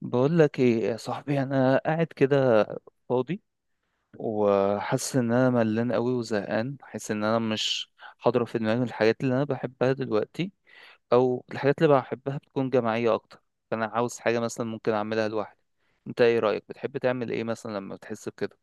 بقول لك ايه يا صاحبي؟ انا قاعد كده فاضي، وحاسس ان انا ملان قوي وزهقان. حاسس ان انا مش حاضره في دماغي الحاجات اللي انا بحبها دلوقتي، او الحاجات اللي بحبها بتكون جماعيه اكتر. فانا عاوز حاجه مثلا ممكن اعملها لوحدي. انت ايه رايك؟ بتحب تعمل ايه مثلا لما بتحس بكده؟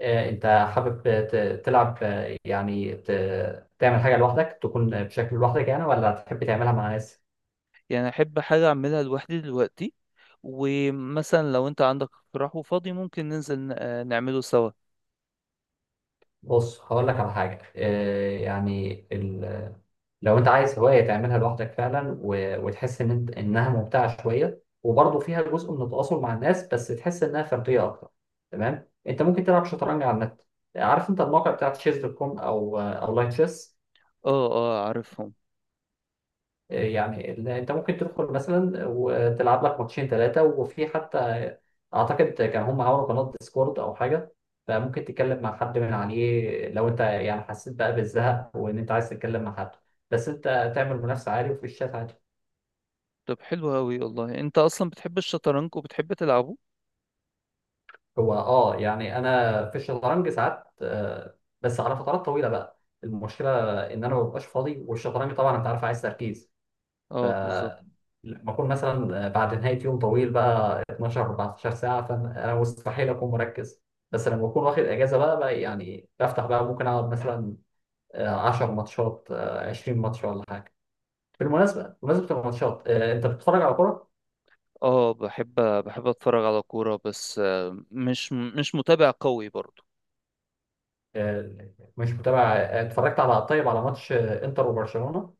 انت حابب تلعب، يعني تعمل حاجه لوحدك، تكون بشكل لوحدك يعني، ولا تحب تعملها مع ناس؟ يعني احب حاجه اعملها لوحدي دلوقتي. ومثلا لو انت عندك اقتراح وفاضي ممكن ننزل نعمله سوا. بص، هقول لك على حاجه، يعني لو انت عايز هوايه تعملها لوحدك فعلا، وتحس ان انت انها ممتعه شويه، وبرضه فيها جزء من التواصل مع الناس، بس تحس انها فرديه اكتر. تمام، انت ممكن تلعب شطرنج على النت. عارف انت الموقع بتاع تشيز دوت كوم، او او لايك تشيس. اه اه، عارفهم. يعني انت ممكن تدخل مثلا وتلعب لك ماتشين ثلاثه، وفي حتى اعتقد كان هم عملوا قناه ديسكورد او حاجه، فممكن تتكلم مع حد من عليه لو انت يعني حسيت بقى بالزهق، وان انت عايز تتكلم مع حد. بس انت تعمل منافسه عالي، وفي الشات عادي. طب حلو قوي والله، انت اصلا بتحب الشطرنج وبتحب تلعبه. هو اه، يعني انا في الشطرنج ساعات، بس على فترات طويله بقى. المشكله ان انا ما ببقاش فاضي، والشطرنج طبعا انت عارف، عايز تركيز. اه بالظبط. لما اكون مثلا بعد نهايه يوم طويل بقى 12 14 ساعه، فانا مستحيل اكون مركز. بس لما اكون واخد اجازه بقى، بقى يعني بفتح، بقى ممكن اقعد مثلا 10 ماتشات، 20 ماتش ولا حاجه. بمناسبه الماتشات، انت بتتفرج على كوره؟ اه بحب اتفرج على كورة، بس مش متابع قوي برضو. آه، مش متابع. اتفرجت على، طيب، على ماتش انتر وبرشلونه.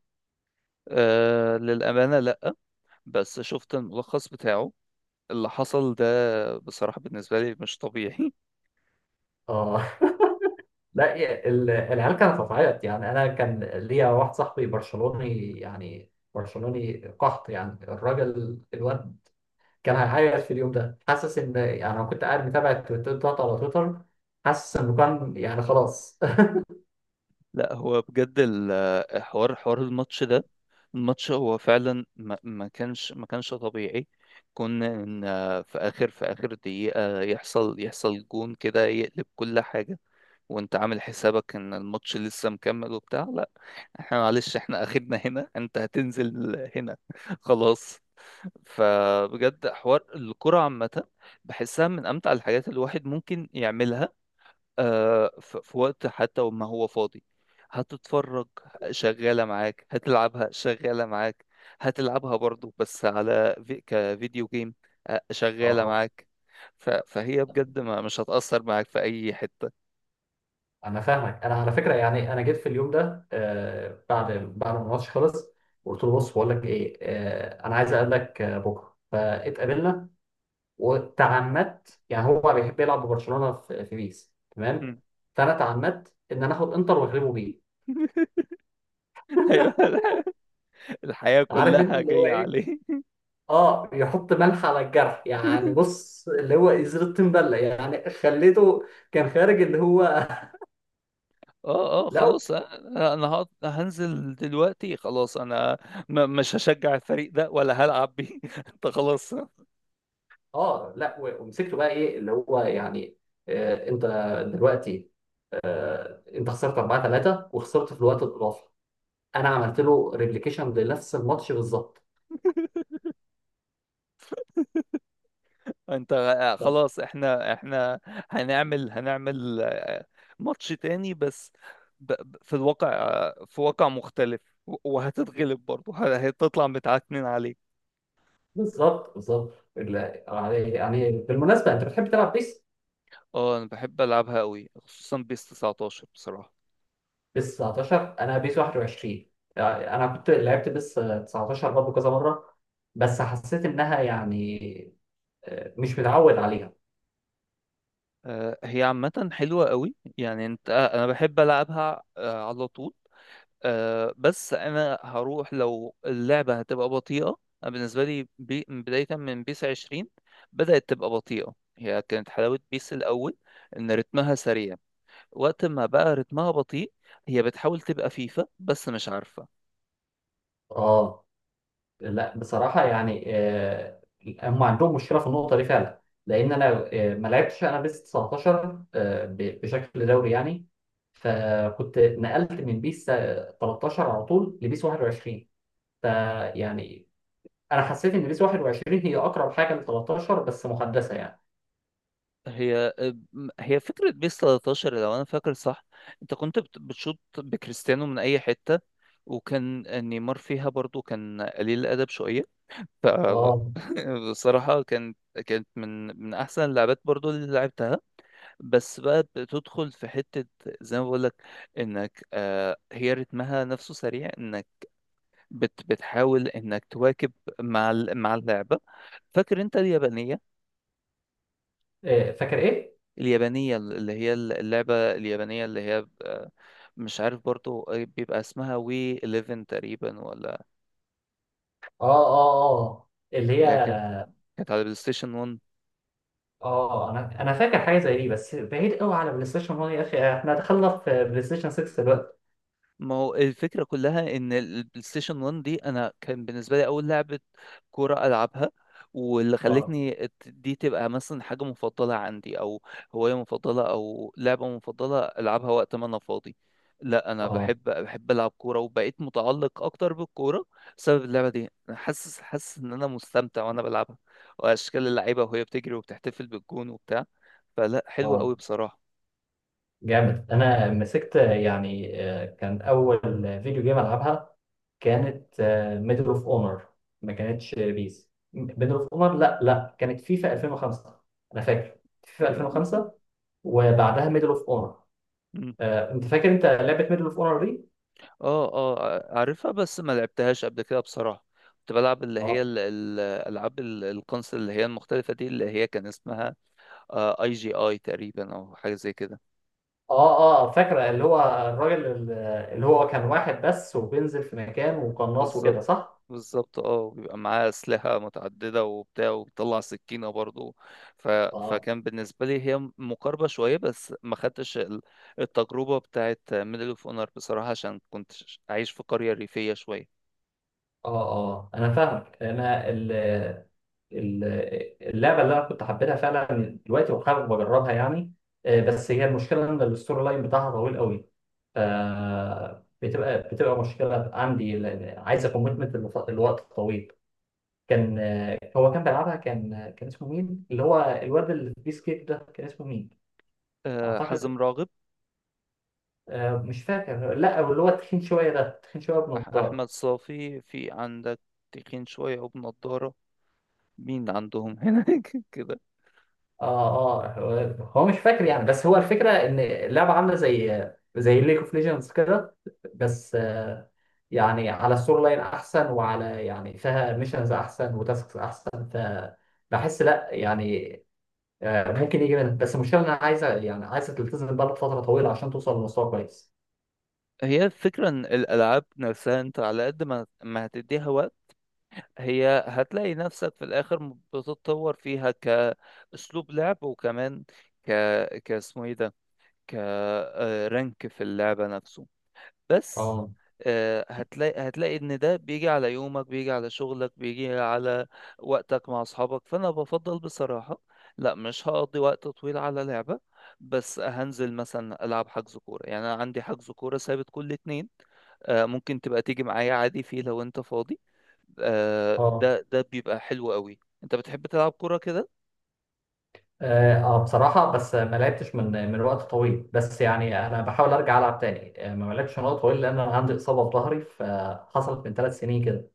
للأمانة لأ، بس شفت الملخص بتاعه اللي حصل ده. بصراحة بالنسبة لي مش طبيعي. اه. لا، العيال كانت هتعيط، يعني انا كان ليا واحد صاحبي برشلوني، يعني برشلوني قحط، يعني الراجل الواد كان هيعيط في اليوم ده، حاسس ان، يعني انا كنت قاعد متابع التويتر بتاعته على تويتر، حاسس انه كان يعني خلاص. لأ، هو بجد حوار الماتش ده. الماتش هو فعلا ما كانش طبيعي. كنا إن آه، في آخر دقيقة يحصل جون كده يقلب كل حاجة، وانت عامل حسابك ان الماتش لسه مكمل وبتاع. لا، احنا معلش، احنا اخرنا هنا، انت هتنزل هنا. خلاص. فبجد حوار الكرة عامة، بحسها من امتع الحاجات اللي الواحد ممكن يعملها في وقت حتى وما هو فاضي. هتتفرج شغالة معاك، هتلعبها شغالة معاك، هتلعبها برضو بس على في كفيديو جيم شغالة اه، معاك. فهي بجد ما مش هتأثر معاك في أي حتة. انا فاهمك، انا على فكره، يعني انا جيت في اليوم ده بعد ما الماتش خلص. قلت له: بص، بقول لك ايه، انا عايز اقابلك بكره، فاتقابلنا. وتعمدت، يعني هو بيحب يلعب ببرشلونه في بيس، تمام؟ مم. فانا تعمدت ان انا اخد انتر واغلبه بيه. أيوة، الحياة عارف انت كلها اللي هو جاية ايه. عليه. اه، يحط ملح على الجرح، يعني بص، اللي هو إزازة تنبلة، يعني خليته كان خارج اللي هو. اه اه، لا، خلاص انا، هنزل دلوقتي. خلاص انا مش هشجع الفريق ده ولا هلعب بيه. انت خلاص. اه، لا، ومسكته بقى، ايه اللي هو يعني، انت دلوقتي، انت خسرت 4-3، وخسرت في الوقت الاضافي. انا عملت له ريبليكيشن لنفس الماتش بالظبط. انت طب. خلاص، احنا هنعمل ماتش تاني، بس في الواقع، في واقع مختلف، وهتتغلب برضه هتطلع متعكنين عليك. بالظبط، بالظبط. لا، يعني يعني بالمناسبة، انت بتحب تلعب بيس؟ اه انا بحب العبها قوي، خصوصا بيس 19 بصراحة. بيس 19، انا بيس 21. يعني انا كنت لعبت بيس 19 برضه كذا مره، بس حسيت انها يعني مش متعود عليها. هي عامة حلوة قوي، يعني انت، انا بحب العبها على طول. بس انا هروح لو اللعبه هتبقى بطيئه. أنا بالنسبه لي، بدايه من بيس 20 بدات تبقى بطيئه. هي كانت حلاوه بيس الاول ان رتمها سريع، وقت ما بقى رتمها بطيء. هي بتحاول تبقى فيفا بس مش عارفه. اه، لا، بصراحه يعني هم عندهم مشكله في النقطه دي فعلا، لان انا ما لعبتش انا بيس 19 بشكل دوري يعني. فكنت نقلت من بيس 13 على طول لبيس 21، فيعني انا حسيت ان بيس 21 هي اقرب حاجه ل 13، بس محدثه يعني. هي هي فكره بيس 13، لو انا فاكر صح، انت كنت بتشوط بكريستيانو من اي حته، وكان نيمار فيها برضو كان قليل الادب شويه. ف اه. بصراحة، كانت من أحسن اللعبات برضو اللي لعبتها، بس بقى بتدخل في حتة زي ما بقولك، إنك هي رتمها نفسه سريع، إنك بتحاول إنك تواكب مع مع اللعبة. فاكر أنت اليابانية فاكر ايه؟ اليابانية اللي هي اللعبة اليابانية اللي هي، مش عارف برضو، بيبقى اسمها وي 11 تقريبا ولا. اه، اه، اه، اللي هي. اللي هي كانت على البلاي ستيشن 1. اه، انا فاكر حاجه زي دي، بس بعيد قوي. على بلاي ستيشن 1؟ يا اخي، احنا دخلنا في بلاي ستيشن 6 دلوقتي. ما هو الفكرة كلها إن البلاي ستيشن 1 دي أنا كان بالنسبة لي أول لعبة كورة ألعبها، واللي اه، خلتني دي تبقى مثلا حاجة مفضلة عندي، أو هواية مفضلة، أو لعبة مفضلة ألعبها وقت ما أنا فاضي. لا أنا اه، بحب ألعب كورة وبقيت متعلق أكتر بالكورة بسبب اللعبة دي. أنا حاسس إن أنا مستمتع وأنا بلعبها، وأشكال اللعيبة وهي بتجري وبتحتفل بالجون وبتاع. فلا، حلوة اه. أوي بصراحة. جامد. انا مسكت، يعني كان اول فيديو جيم العبها، كانت ميدل اوف اونر. ما كانتش بيس، ميدل اوف اونر. لا، لا، كانت فيفا 2005. انا فاكر فيفا 2005، وبعدها ميدل اوف اونر. انت فاكر انت لعبه ميدل اوف اونر دي؟ اه اه، عارفها، بس ما لعبتهاش قبل كده بصراحة. كنت بلعب اللي هي اه، الألعاب الكونسل اللي هي المختلفة دي، اللي هي كان اسمها اي جي اي تقريبا، أو حاجة زي كده. اه، اه. فاكره. اللي هو الراجل اللي هو كان واحد بس، وبينزل في مكان، وقناص وكده، بالظبط صح؟ بالظبط، اه بيبقى معاه أسلحة متعددة وبتاع وبيطلع سكينة برضو. ف... اه، فكان بالنسبة لي هي مقاربة شوية، بس ما خدتش التجربة بتاعت ميدل اوف اونر بصراحة، عشان كنت عايش في قرية ريفية شوية. اه، اه، انا فاهمك. انا ال- اللعبه اللي انا كنت حبيتها فعلا دلوقتي، وحابب اجربها يعني، بس هي المشكله ان الستوري لاين بتاعها طويل قوي. ف، بتبقى مشكله عندي، لأن عايزه كوميتمنت لوقت طويل. كان آه، هو كان بيلعبها، كان اسمه مين، اللي هو الواد اللي في بيس كيك ده كان اسمه مين؟ حزم اعتقد راغب، مش فاكر. لا، اللي هو التخين شويه ده، تخين شويه بنضاره. أحمد صافي، في عندك تخين شوية وبنضارة؟ مين عندهم هناك؟ كده. اه، اه، هو مش فاكر يعني، بس هو الفكره ان اللعبه عامله زي ليج اوف ليجندز كده، بس يعني على السور لاين احسن، وعلى يعني فيها ميشنز احسن وتاسكس احسن، فبحس لا يعني، ممكن يجي منها، بس المشكله إن انا عايزه، يعني عايزه تلتزم بقى فتره طويله عشان توصل لمستوى كويس. هي الفكرة إن الألعاب نفسها، أنت على قد ما ما هتديها وقت، هي هتلاقي نفسك في الآخر بتتطور فيها كأسلوب لعب، وكمان ك كاسمه إيه ده، كرانك في اللعبة نفسه. بس اه، هتلاقي ان ده بيجي على يومك، بيجي على شغلك، بيجي على وقتك مع اصحابك. فانا بفضل بصراحة لا مش هقضي وقت طويل على لعبة، بس هنزل مثلا العب حجز كورة. يعني انا عندي حجز كورة ثابت كل اتنين، ممكن تبقى تيجي معايا عادي فيه لو انت فاضي. اه، ده بيبقى حلو قوي. انت بتحب تلعب كورة كده؟ اه. بصراحة، بس ما لعبتش من وقت طويل، بس يعني انا بحاول ارجع العب تاني. ما لعبتش من وقت طويل، لان انا عندي اصابة في ظهري فحصلت من 3 سنين كده.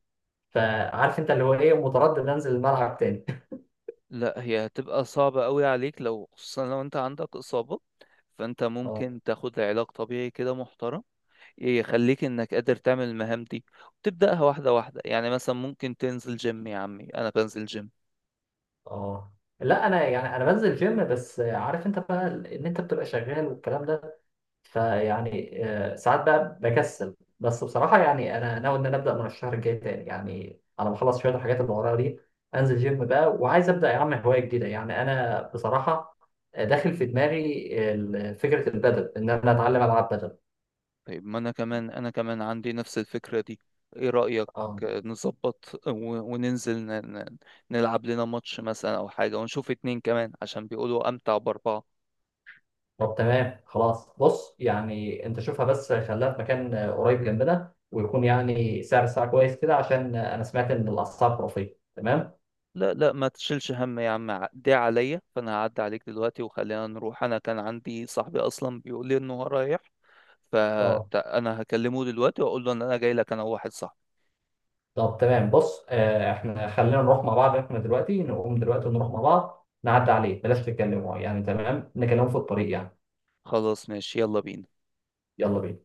فعارف انت اللي هو ايه، متردد انزل الملعب تاني. لا، هي هتبقى صعبة قوي عليك، لو خصوصا لو انت عندك اصابة. فانت اه، ممكن تاخد علاج طبيعي كده محترم، إيه، يخليك انك قادر تعمل المهام دي، وتبدأها واحدة واحدة. يعني مثلا ممكن تنزل جيم، يا عمي انا بنزل جيم. اه، لا، انا يعني انا بنزل جيم، بس عارف انت بقى ان انت بتبقى شغال والكلام ده. فيعني ساعات بقى بكسل، بس بصراحة يعني أنا ناوي إن أنا أبدأ من الشهر الجاي تاني، يعني أنا بخلص شوية الحاجات اللي ورايا دي. أنزل جيم بقى، وعايز أبدأ يا عم هواية جديدة. يعني أنا بصراحة داخل في دماغي فكرة البدل، إن أنا أتعلم ألعب بدل. طيب، ما انا كمان، عندي نفس الفكرة دي. ايه رأيك؟ آه. نظبط وننزل نلعب لنا ماتش مثلا او حاجة، ونشوف اتنين كمان عشان بيقولوا امتع باربعة. طب، تمام، خلاص. بص، يعني أنت شوفها، بس خليها في مكان قريب جنبنا، ويكون يعني سعر الساعة كويس كده، عشان أنا سمعت إن الأسعار خرافية. تمام؟ لا لا، ما تشيلش هم يا عم، دي عليا، فانا هعدي عليك دلوقتي وخلينا نروح. انا كان عندي صاحبي اصلا بيقول لي انه هو رايح، اه، فانا هكلمه دلوقتي واقول له ان انا جاي لك انا وواحد صاحبي. طب تمام. بص، احنا خلينا نروح مع بعض، احنا دلوقتي نقوم دلوقتي ونروح مع بعض، نعدي عليه بلاش تتكلموا يعني، تمام، نكلمه في الطريق يعني. خلاص ماشي، يلا بينا. يلا بينا.